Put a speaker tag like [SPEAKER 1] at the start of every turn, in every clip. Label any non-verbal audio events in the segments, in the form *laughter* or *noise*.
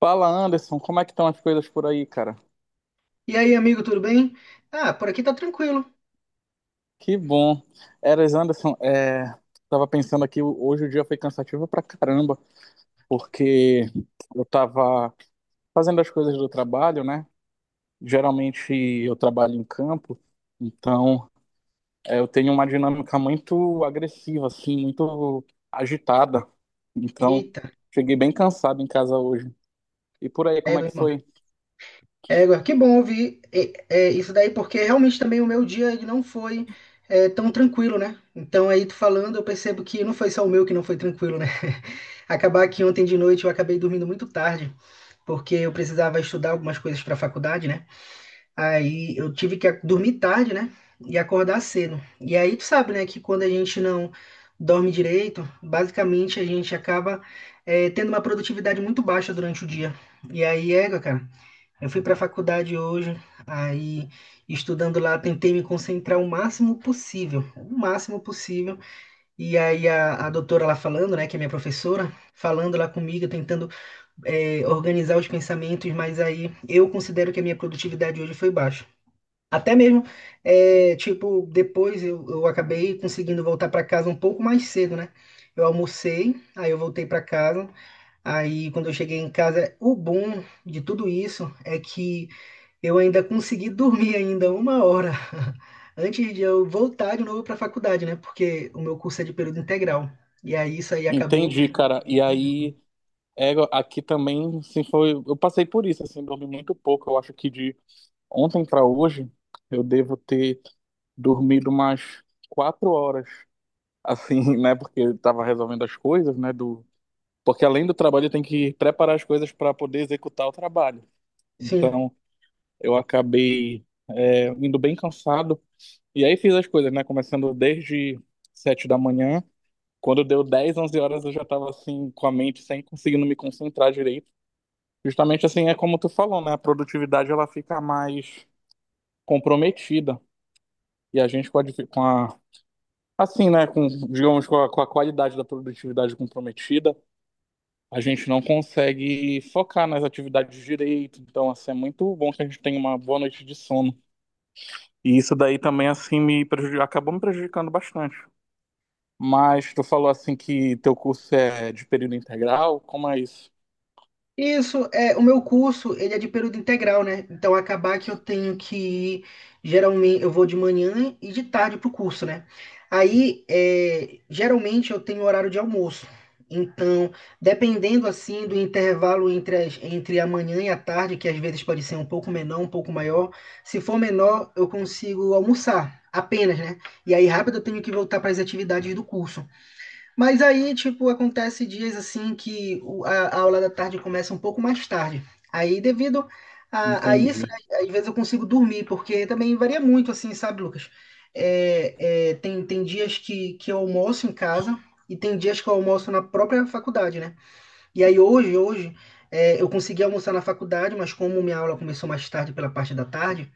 [SPEAKER 1] Fala, Anderson, como é que estão as coisas por aí, cara?
[SPEAKER 2] E aí, amigo, tudo bem? Ah, por aqui tá tranquilo.
[SPEAKER 1] Que bom. Eras, Anderson, tava pensando aqui, hoje o dia foi cansativo pra caramba, porque eu tava fazendo as coisas do trabalho, né? Geralmente eu trabalho em campo, então eu tenho uma dinâmica muito agressiva, assim, muito agitada. Então,
[SPEAKER 2] Eita,
[SPEAKER 1] cheguei bem cansado em casa hoje. E por aí, como é
[SPEAKER 2] égua,
[SPEAKER 1] que
[SPEAKER 2] irmão.
[SPEAKER 1] foi?
[SPEAKER 2] Égua, que bom ouvir isso daí, porque realmente também o meu dia ele não foi tão tranquilo, né? Então aí tu falando, eu percebo que não foi só o meu que não foi tranquilo, né? *laughs* Acabar que ontem de noite eu acabei dormindo muito tarde, porque eu precisava estudar algumas coisas para a faculdade, né? Aí eu tive que dormir tarde, né? E acordar cedo. E aí tu sabe, né, que quando a gente não dorme direito, basicamente a gente acaba tendo uma produtividade muito baixa durante o dia. E aí, égua, cara, eu fui pra faculdade hoje, aí estudando lá, tentei me concentrar o máximo possível, o máximo possível. E aí a doutora lá falando, né, que é minha professora, falando lá comigo, tentando organizar os pensamentos, mas aí eu considero que a minha produtividade hoje foi baixa. Até mesmo, é, tipo, depois eu acabei conseguindo voltar para casa um pouco mais cedo, né? Eu almocei, aí eu voltei para casa. Aí, quando eu cheguei em casa, o bom de tudo isso é que eu ainda consegui *laughs* dormir ainda uma hora *laughs* antes de eu voltar de novo para a faculdade, né? Porque o meu curso é de período integral. E aí isso aí acabou.
[SPEAKER 1] Entendi, cara. E aí. É, aqui também, assim, foi. Eu passei por isso, assim, dormi muito pouco. Eu acho que de ontem para hoje eu devo ter dormido umas 4 horas, assim, *laughs* né? Porque eu tava resolvendo as coisas, né? Do... Porque além do trabalho, eu tenho que preparar as coisas para poder executar o trabalho.
[SPEAKER 2] Sim.
[SPEAKER 1] Então, eu acabei, indo bem cansado. E aí fiz as coisas, né? Começando desde 7 da manhã. Quando deu 10, 11 horas, eu já tava assim, com a mente sem conseguindo me concentrar direito. Justamente assim, é como tu falou, né? A produtividade ela fica mais comprometida. E a gente com a, difi- com a- assim, né? Com, digamos, com a qualidade da produtividade comprometida, a gente não consegue focar nas atividades direito. Então, assim, é muito bom que a gente tenha uma boa noite de sono. E isso daí também, assim, acabou me prejudicando bastante. Mas tu falou, assim, que teu curso é de período integral? Como é isso?
[SPEAKER 2] Isso, é, o meu curso, ele é de período integral, né? Então, acabar que eu tenho que ir, geralmente, eu vou de manhã e de tarde pro curso, né? Aí, é, geralmente, eu tenho horário de almoço. Então, dependendo, assim, do intervalo entre, entre a manhã e a tarde, que às vezes pode ser um pouco menor, um pouco maior, se for menor, eu consigo almoçar apenas, né? E aí, rápido, eu tenho que voltar para as atividades do curso. Mas aí, tipo, acontece dias assim que a aula da tarde começa um pouco mais tarde. Aí, devido a isso,
[SPEAKER 1] Entendi.
[SPEAKER 2] né, às vezes eu consigo dormir, porque também varia muito, assim, sabe, Lucas? Tem, tem dias que eu almoço em casa e tem dias que eu almoço na própria faculdade, né? E aí, hoje, é, eu consegui almoçar na faculdade, mas como minha aula começou mais tarde, pela parte da tarde,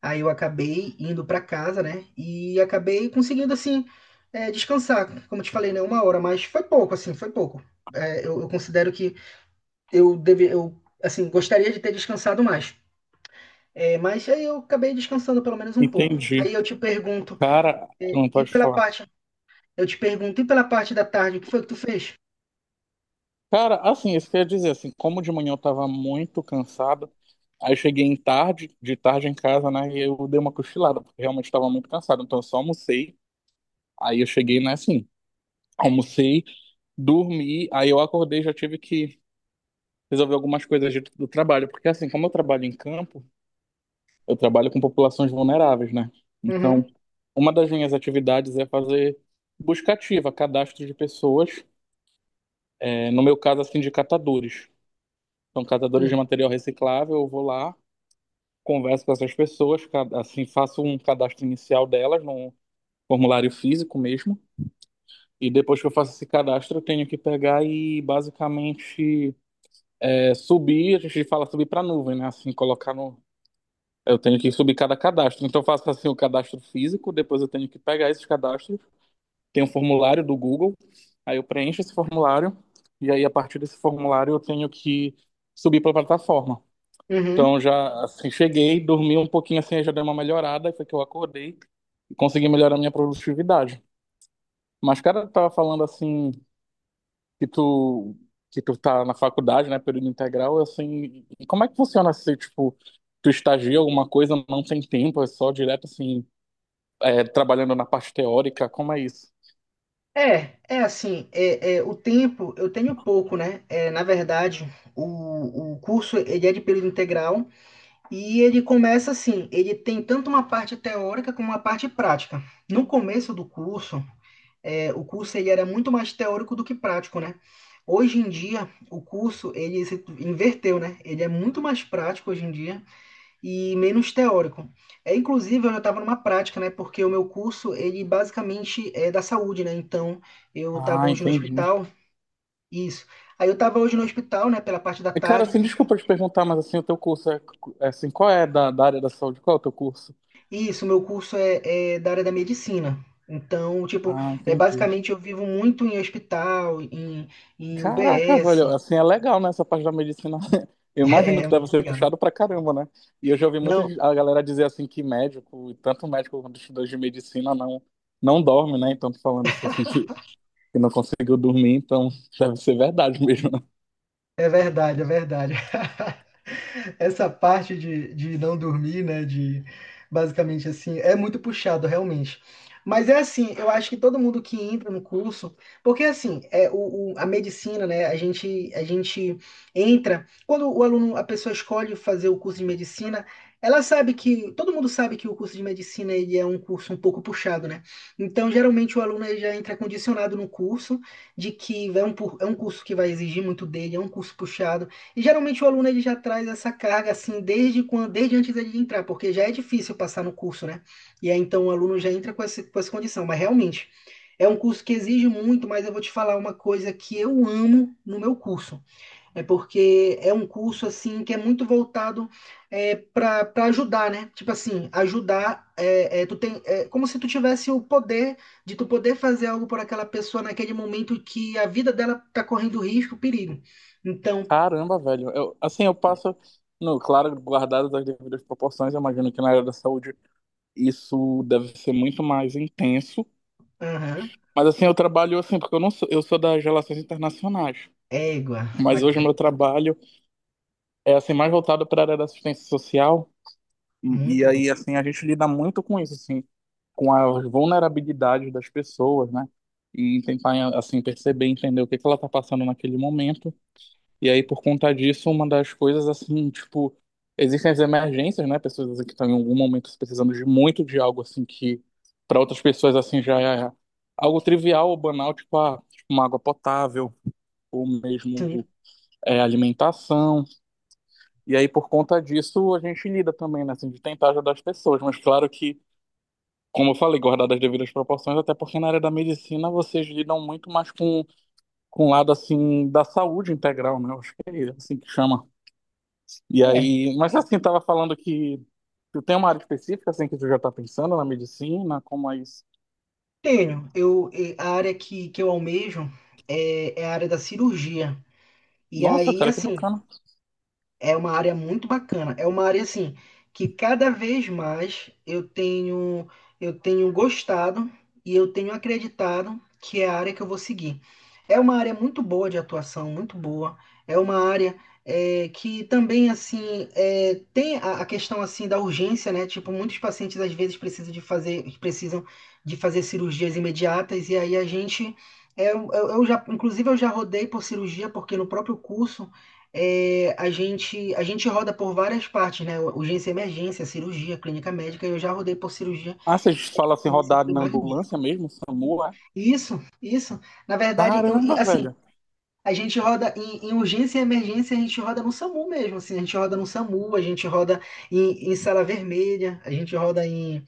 [SPEAKER 2] aí eu acabei indo para casa, né? E acabei conseguindo, assim, é, descansar. Como eu te falei, né? Uma hora, mas foi pouco, assim, foi pouco. Eu considero que eu deve, eu, assim, gostaria de ter descansado mais. É, mas aí eu acabei descansando pelo menos um pouco.
[SPEAKER 1] Entendi.
[SPEAKER 2] Aí eu te pergunto,
[SPEAKER 1] Cara,
[SPEAKER 2] é,
[SPEAKER 1] não
[SPEAKER 2] e
[SPEAKER 1] pode
[SPEAKER 2] pela
[SPEAKER 1] falar.
[SPEAKER 2] parte, eu te pergunto, e pela parte da tarde, o que foi que tu fez?
[SPEAKER 1] Cara, assim, isso quer dizer, assim, como de manhã eu tava muito cansado, aí eu cheguei em tarde, de tarde em casa, né, e eu dei uma cochilada, porque realmente tava muito cansado, então eu só almocei, aí eu cheguei, né, assim, almocei, dormi, aí eu acordei, já tive que resolver algumas coisas do trabalho, porque assim, como eu trabalho em campo, eu trabalho com populações vulneráveis, né, então
[SPEAKER 2] Uhum.
[SPEAKER 1] uma das minhas atividades é fazer busca ativa, cadastro de pessoas, é, no meu caso, assim, de catadores, são catadores de
[SPEAKER 2] Sim.
[SPEAKER 1] material reciclável, eu vou lá, converso com essas pessoas, assim, faço um cadastro inicial delas num formulário físico mesmo. E depois que eu faço esse cadastro, eu tenho que pegar e basicamente subir, a gente fala subir para a nuvem, né? Assim, colocar no. Eu tenho que subir cada cadastro. Então eu faço assim o cadastro físico, depois eu tenho que pegar esses cadastros, tem um formulário do Google, aí eu preencho esse formulário, e aí a partir desse formulário eu tenho que subir para a plataforma. Então
[SPEAKER 2] Uhum.
[SPEAKER 1] já assim, cheguei, dormi um pouquinho assim, já dei uma melhorada, aí foi que eu acordei, conseguir melhorar minha produtividade. Mas, cara, tu tava falando assim que tu tá na faculdade, né, período integral, assim, e como é que funciona se, tipo, tu estagia alguma coisa, não tem tempo, é só direto, assim, trabalhando na parte teórica, como é isso?
[SPEAKER 2] É, é assim, o tempo eu tenho pouco, né? É, na verdade, o curso ele é de período integral, e ele começa assim, ele tem tanto uma parte teórica como uma parte prática. No começo do curso, é, o curso ele era muito mais teórico do que prático, né? Hoje em dia, o curso ele se inverteu, né? Ele é muito mais prático hoje em dia e menos teórico. É, inclusive, eu já estava numa prática, né? Porque o meu curso ele basicamente é da saúde, né? Então, eu estava
[SPEAKER 1] Ah,
[SPEAKER 2] hoje no
[SPEAKER 1] entendi.
[SPEAKER 2] hospital, isso. Aí eu estava hoje no hospital, né? Pela parte da
[SPEAKER 1] E, cara,
[SPEAKER 2] tarde.
[SPEAKER 1] assim, desculpa te perguntar, mas, assim, o teu curso é, assim, qual é da área da saúde? Qual é o teu curso?
[SPEAKER 2] Isso, meu curso é da área da medicina. Então, tipo,
[SPEAKER 1] Ah,
[SPEAKER 2] é
[SPEAKER 1] entendi.
[SPEAKER 2] basicamente eu vivo muito em hospital, em, em
[SPEAKER 1] Caraca,
[SPEAKER 2] UBS.
[SPEAKER 1] velho,
[SPEAKER 2] *laughs*
[SPEAKER 1] assim é legal, né? Essa parte da medicina. *laughs* Eu
[SPEAKER 2] É
[SPEAKER 1] imagino
[SPEAKER 2] é
[SPEAKER 1] que deve
[SPEAKER 2] muito
[SPEAKER 1] ser
[SPEAKER 2] legal.
[SPEAKER 1] puxado pra caramba, né? E eu já ouvi muito
[SPEAKER 2] Não,
[SPEAKER 1] a galera dizer assim que médico, e tanto médico quanto estudante de medicina, não, não dorme, né? Então, tô falando isso assim que não conseguiu dormir, então *laughs* deve ser verdade mesmo, né?
[SPEAKER 2] é verdade, é verdade. *laughs* Essa parte de não dormir, né? De basicamente assim, é muito puxado realmente. Mas é assim, eu acho que todo mundo que entra no curso, porque assim, é a medicina, né? A gente entra, quando o aluno, a pessoa escolhe fazer o curso de medicina, ela sabe que, todo mundo sabe que o curso de medicina ele é um curso um pouco puxado, né? Então, geralmente o aluno ele já entra condicionado no curso de que é é um curso que vai exigir muito dele, é um curso puxado. E geralmente o aluno ele já traz essa carga assim desde quando, desde antes dele entrar, porque já é difícil passar no curso, né? E aí então o aluno já entra com com essa condição. Mas realmente é um curso que exige muito, mas eu vou te falar uma coisa que eu amo no meu curso. É porque é um curso assim que é muito voltado é, para ajudar, né? Tipo assim, ajudar. Tu tem, é como se tu tivesse o poder de tu poder fazer algo por aquela pessoa naquele momento que a vida dela tá correndo risco, perigo. Então,
[SPEAKER 1] Caramba, velho. Eu, assim, eu passo, no, claro, guardado das devidas proporções, eu imagino que na área da saúde isso deve ser muito mais intenso.
[SPEAKER 2] aham,
[SPEAKER 1] Mas assim, eu trabalho assim, porque eu não sou, eu sou das Relações Internacionais.
[SPEAKER 2] égua,
[SPEAKER 1] Mas hoje o
[SPEAKER 2] bacana,
[SPEAKER 1] meu trabalho é assim mais voltado para a área da assistência social, e
[SPEAKER 2] muito bom.
[SPEAKER 1] aí assim a gente lida muito com isso assim, com as vulnerabilidades das pessoas, né, e tentar assim perceber, entender o que que ela está passando naquele momento. E aí, por conta disso, uma das coisas assim, tipo, existem as emergências, né, pessoas assim, que estão em algum momento precisando de muito de algo assim que para outras pessoas assim já é algo trivial ou banal, tipo, ah, tipo uma água potável ou mesmo
[SPEAKER 2] Sim.
[SPEAKER 1] alimentação. E aí, por conta disso, a gente lida também, né, assim, de tentar ajudar as pessoas. Mas claro que, como eu falei, guardar as devidas proporções, até porque na área da medicina vocês lidam muito mais com o lado, assim, da saúde integral, né? Eu acho que é assim que chama. E
[SPEAKER 2] É,
[SPEAKER 1] aí, mas assim, tava falando que tu tem uma área específica, assim, que tu já tá pensando na medicina, como é isso?
[SPEAKER 2] tenho. Eu, eh, a área que eu almejo é a área da cirurgia. E
[SPEAKER 1] Nossa,
[SPEAKER 2] aí,
[SPEAKER 1] cara, que
[SPEAKER 2] assim,
[SPEAKER 1] bacana.
[SPEAKER 2] é uma área muito bacana. É uma área assim que cada vez mais eu tenho gostado e eu tenho acreditado que é a área que eu vou seguir. É uma área muito boa de atuação, muito boa. É uma área é, que também assim é, tem a questão assim da urgência, né? Tipo, muitos pacientes às vezes precisam de fazer cirurgias imediatas e aí a gente eu já inclusive eu já rodei por cirurgia porque no próprio curso é, a gente roda por várias partes, né? Urgência e emergência, cirurgia, clínica médica, e eu já rodei por cirurgia,
[SPEAKER 1] Ah, vocês falam assim,
[SPEAKER 2] então isso
[SPEAKER 1] rodar
[SPEAKER 2] foi
[SPEAKER 1] na
[SPEAKER 2] magnífico.
[SPEAKER 1] ambulância mesmo, SAMU, é?
[SPEAKER 2] Isso, isso. Na verdade, e,
[SPEAKER 1] Caramba,
[SPEAKER 2] assim,
[SPEAKER 1] velho.
[SPEAKER 2] a gente roda em, em urgência e emergência, a gente roda no SAMU mesmo, assim, a gente roda no SAMU, a gente roda em, em sala vermelha, a gente roda em,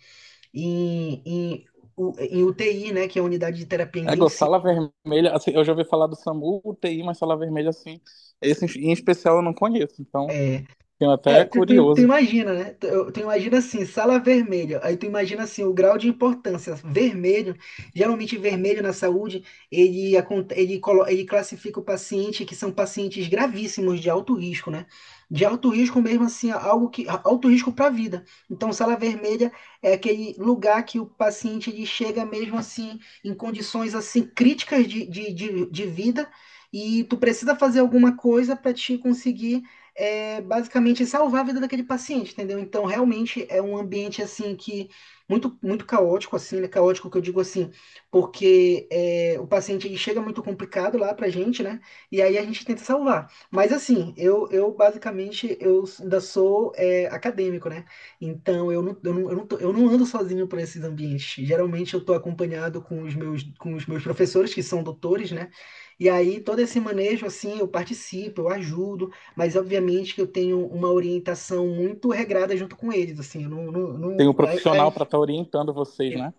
[SPEAKER 2] em, em UTI, né? Que é a unidade de terapia
[SPEAKER 1] É, Gô,
[SPEAKER 2] intensiva.
[SPEAKER 1] sala vermelha, assim, eu já ouvi falar do SAMU, UTI, mas sala vermelha, assim, esse em especial eu não conheço, então
[SPEAKER 2] É,
[SPEAKER 1] fiquei até
[SPEAKER 2] É, tu
[SPEAKER 1] curioso.
[SPEAKER 2] imagina, né? Tu imagina assim, sala vermelha. Aí tu imagina assim, o grau de importância. Vermelho, geralmente vermelho na saúde, ele, acon- ele, colo- ele classifica o paciente que são pacientes gravíssimos de alto risco, né? De alto risco mesmo assim, algo que alto risco para a vida. Então, sala vermelha é aquele lugar que o paciente ele chega mesmo assim em condições assim críticas de vida e tu precisa fazer alguma coisa para te conseguir é basicamente salvar a vida daquele paciente, entendeu? Então, realmente é um ambiente assim que muito muito caótico assim, né? Caótico que eu digo assim, porque é, o paciente ele chega muito complicado lá pra gente, né? E aí a gente tenta salvar. Mas assim, eu basicamente eu ainda sou é, acadêmico, né? Então eu não, eu não ando sozinho para esses ambientes. Geralmente eu tô acompanhado com os meus professores que são doutores, né? E aí todo esse manejo assim, eu participo, eu ajudo. Mas obviamente que eu tenho uma orientação muito regrada junto com eles, assim, eu não, não,
[SPEAKER 1] Tem um
[SPEAKER 2] não- é- é-
[SPEAKER 1] profissional para estar orientando vocês,
[SPEAKER 2] ex-
[SPEAKER 1] né?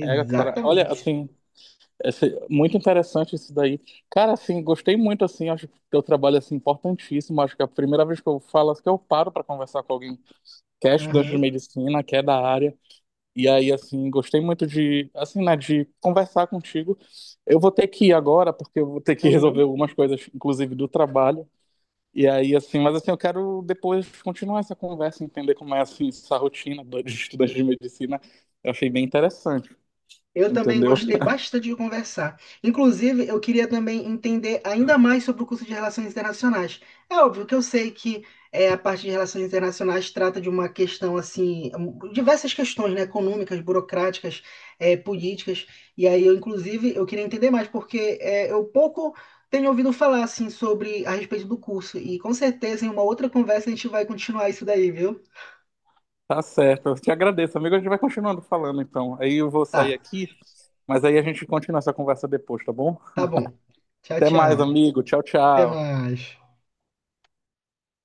[SPEAKER 1] É, cara, olha, assim, muito interessante isso daí. Cara, assim, gostei muito, assim, acho que teu trabalho, assim, importantíssimo, acho que é a primeira vez que eu falo, assim, que eu paro para conversar com alguém que é estudante de
[SPEAKER 2] Aham,
[SPEAKER 1] medicina, que é da área. E aí, assim, gostei muito de, assim, né, de conversar contigo. Eu vou ter que ir agora, porque eu vou ter que *laughs* resolver
[SPEAKER 2] aham.
[SPEAKER 1] algumas coisas, inclusive do trabalho. E aí, assim, mas assim, eu quero depois continuar essa conversa, entender como é, assim, essa rotina de estudante de medicina. Eu achei bem interessante,
[SPEAKER 2] Eu também
[SPEAKER 1] entendeu?
[SPEAKER 2] gostei
[SPEAKER 1] *laughs*
[SPEAKER 2] bastante de conversar. Inclusive, eu queria também entender ainda mais sobre o curso de Relações Internacionais. É óbvio que eu sei que é, a parte de Relações Internacionais trata de uma questão assim, um, diversas questões, né, econômicas, burocráticas, é, políticas. E aí, eu, inclusive, eu queria entender mais, porque é, eu pouco tenho ouvido falar assim sobre a respeito do curso. E com certeza, em uma outra conversa, a gente vai continuar isso daí, viu?
[SPEAKER 1] Tá certo. Eu te agradeço, amigo. A gente vai continuando falando, então. Aí eu vou
[SPEAKER 2] Tá,
[SPEAKER 1] sair aqui, mas aí a gente continua essa conversa depois, tá bom?
[SPEAKER 2] tá bom. Tchau,
[SPEAKER 1] Até
[SPEAKER 2] tchau.
[SPEAKER 1] mais, amigo. Tchau,
[SPEAKER 2] Até
[SPEAKER 1] tchau.
[SPEAKER 2] mais.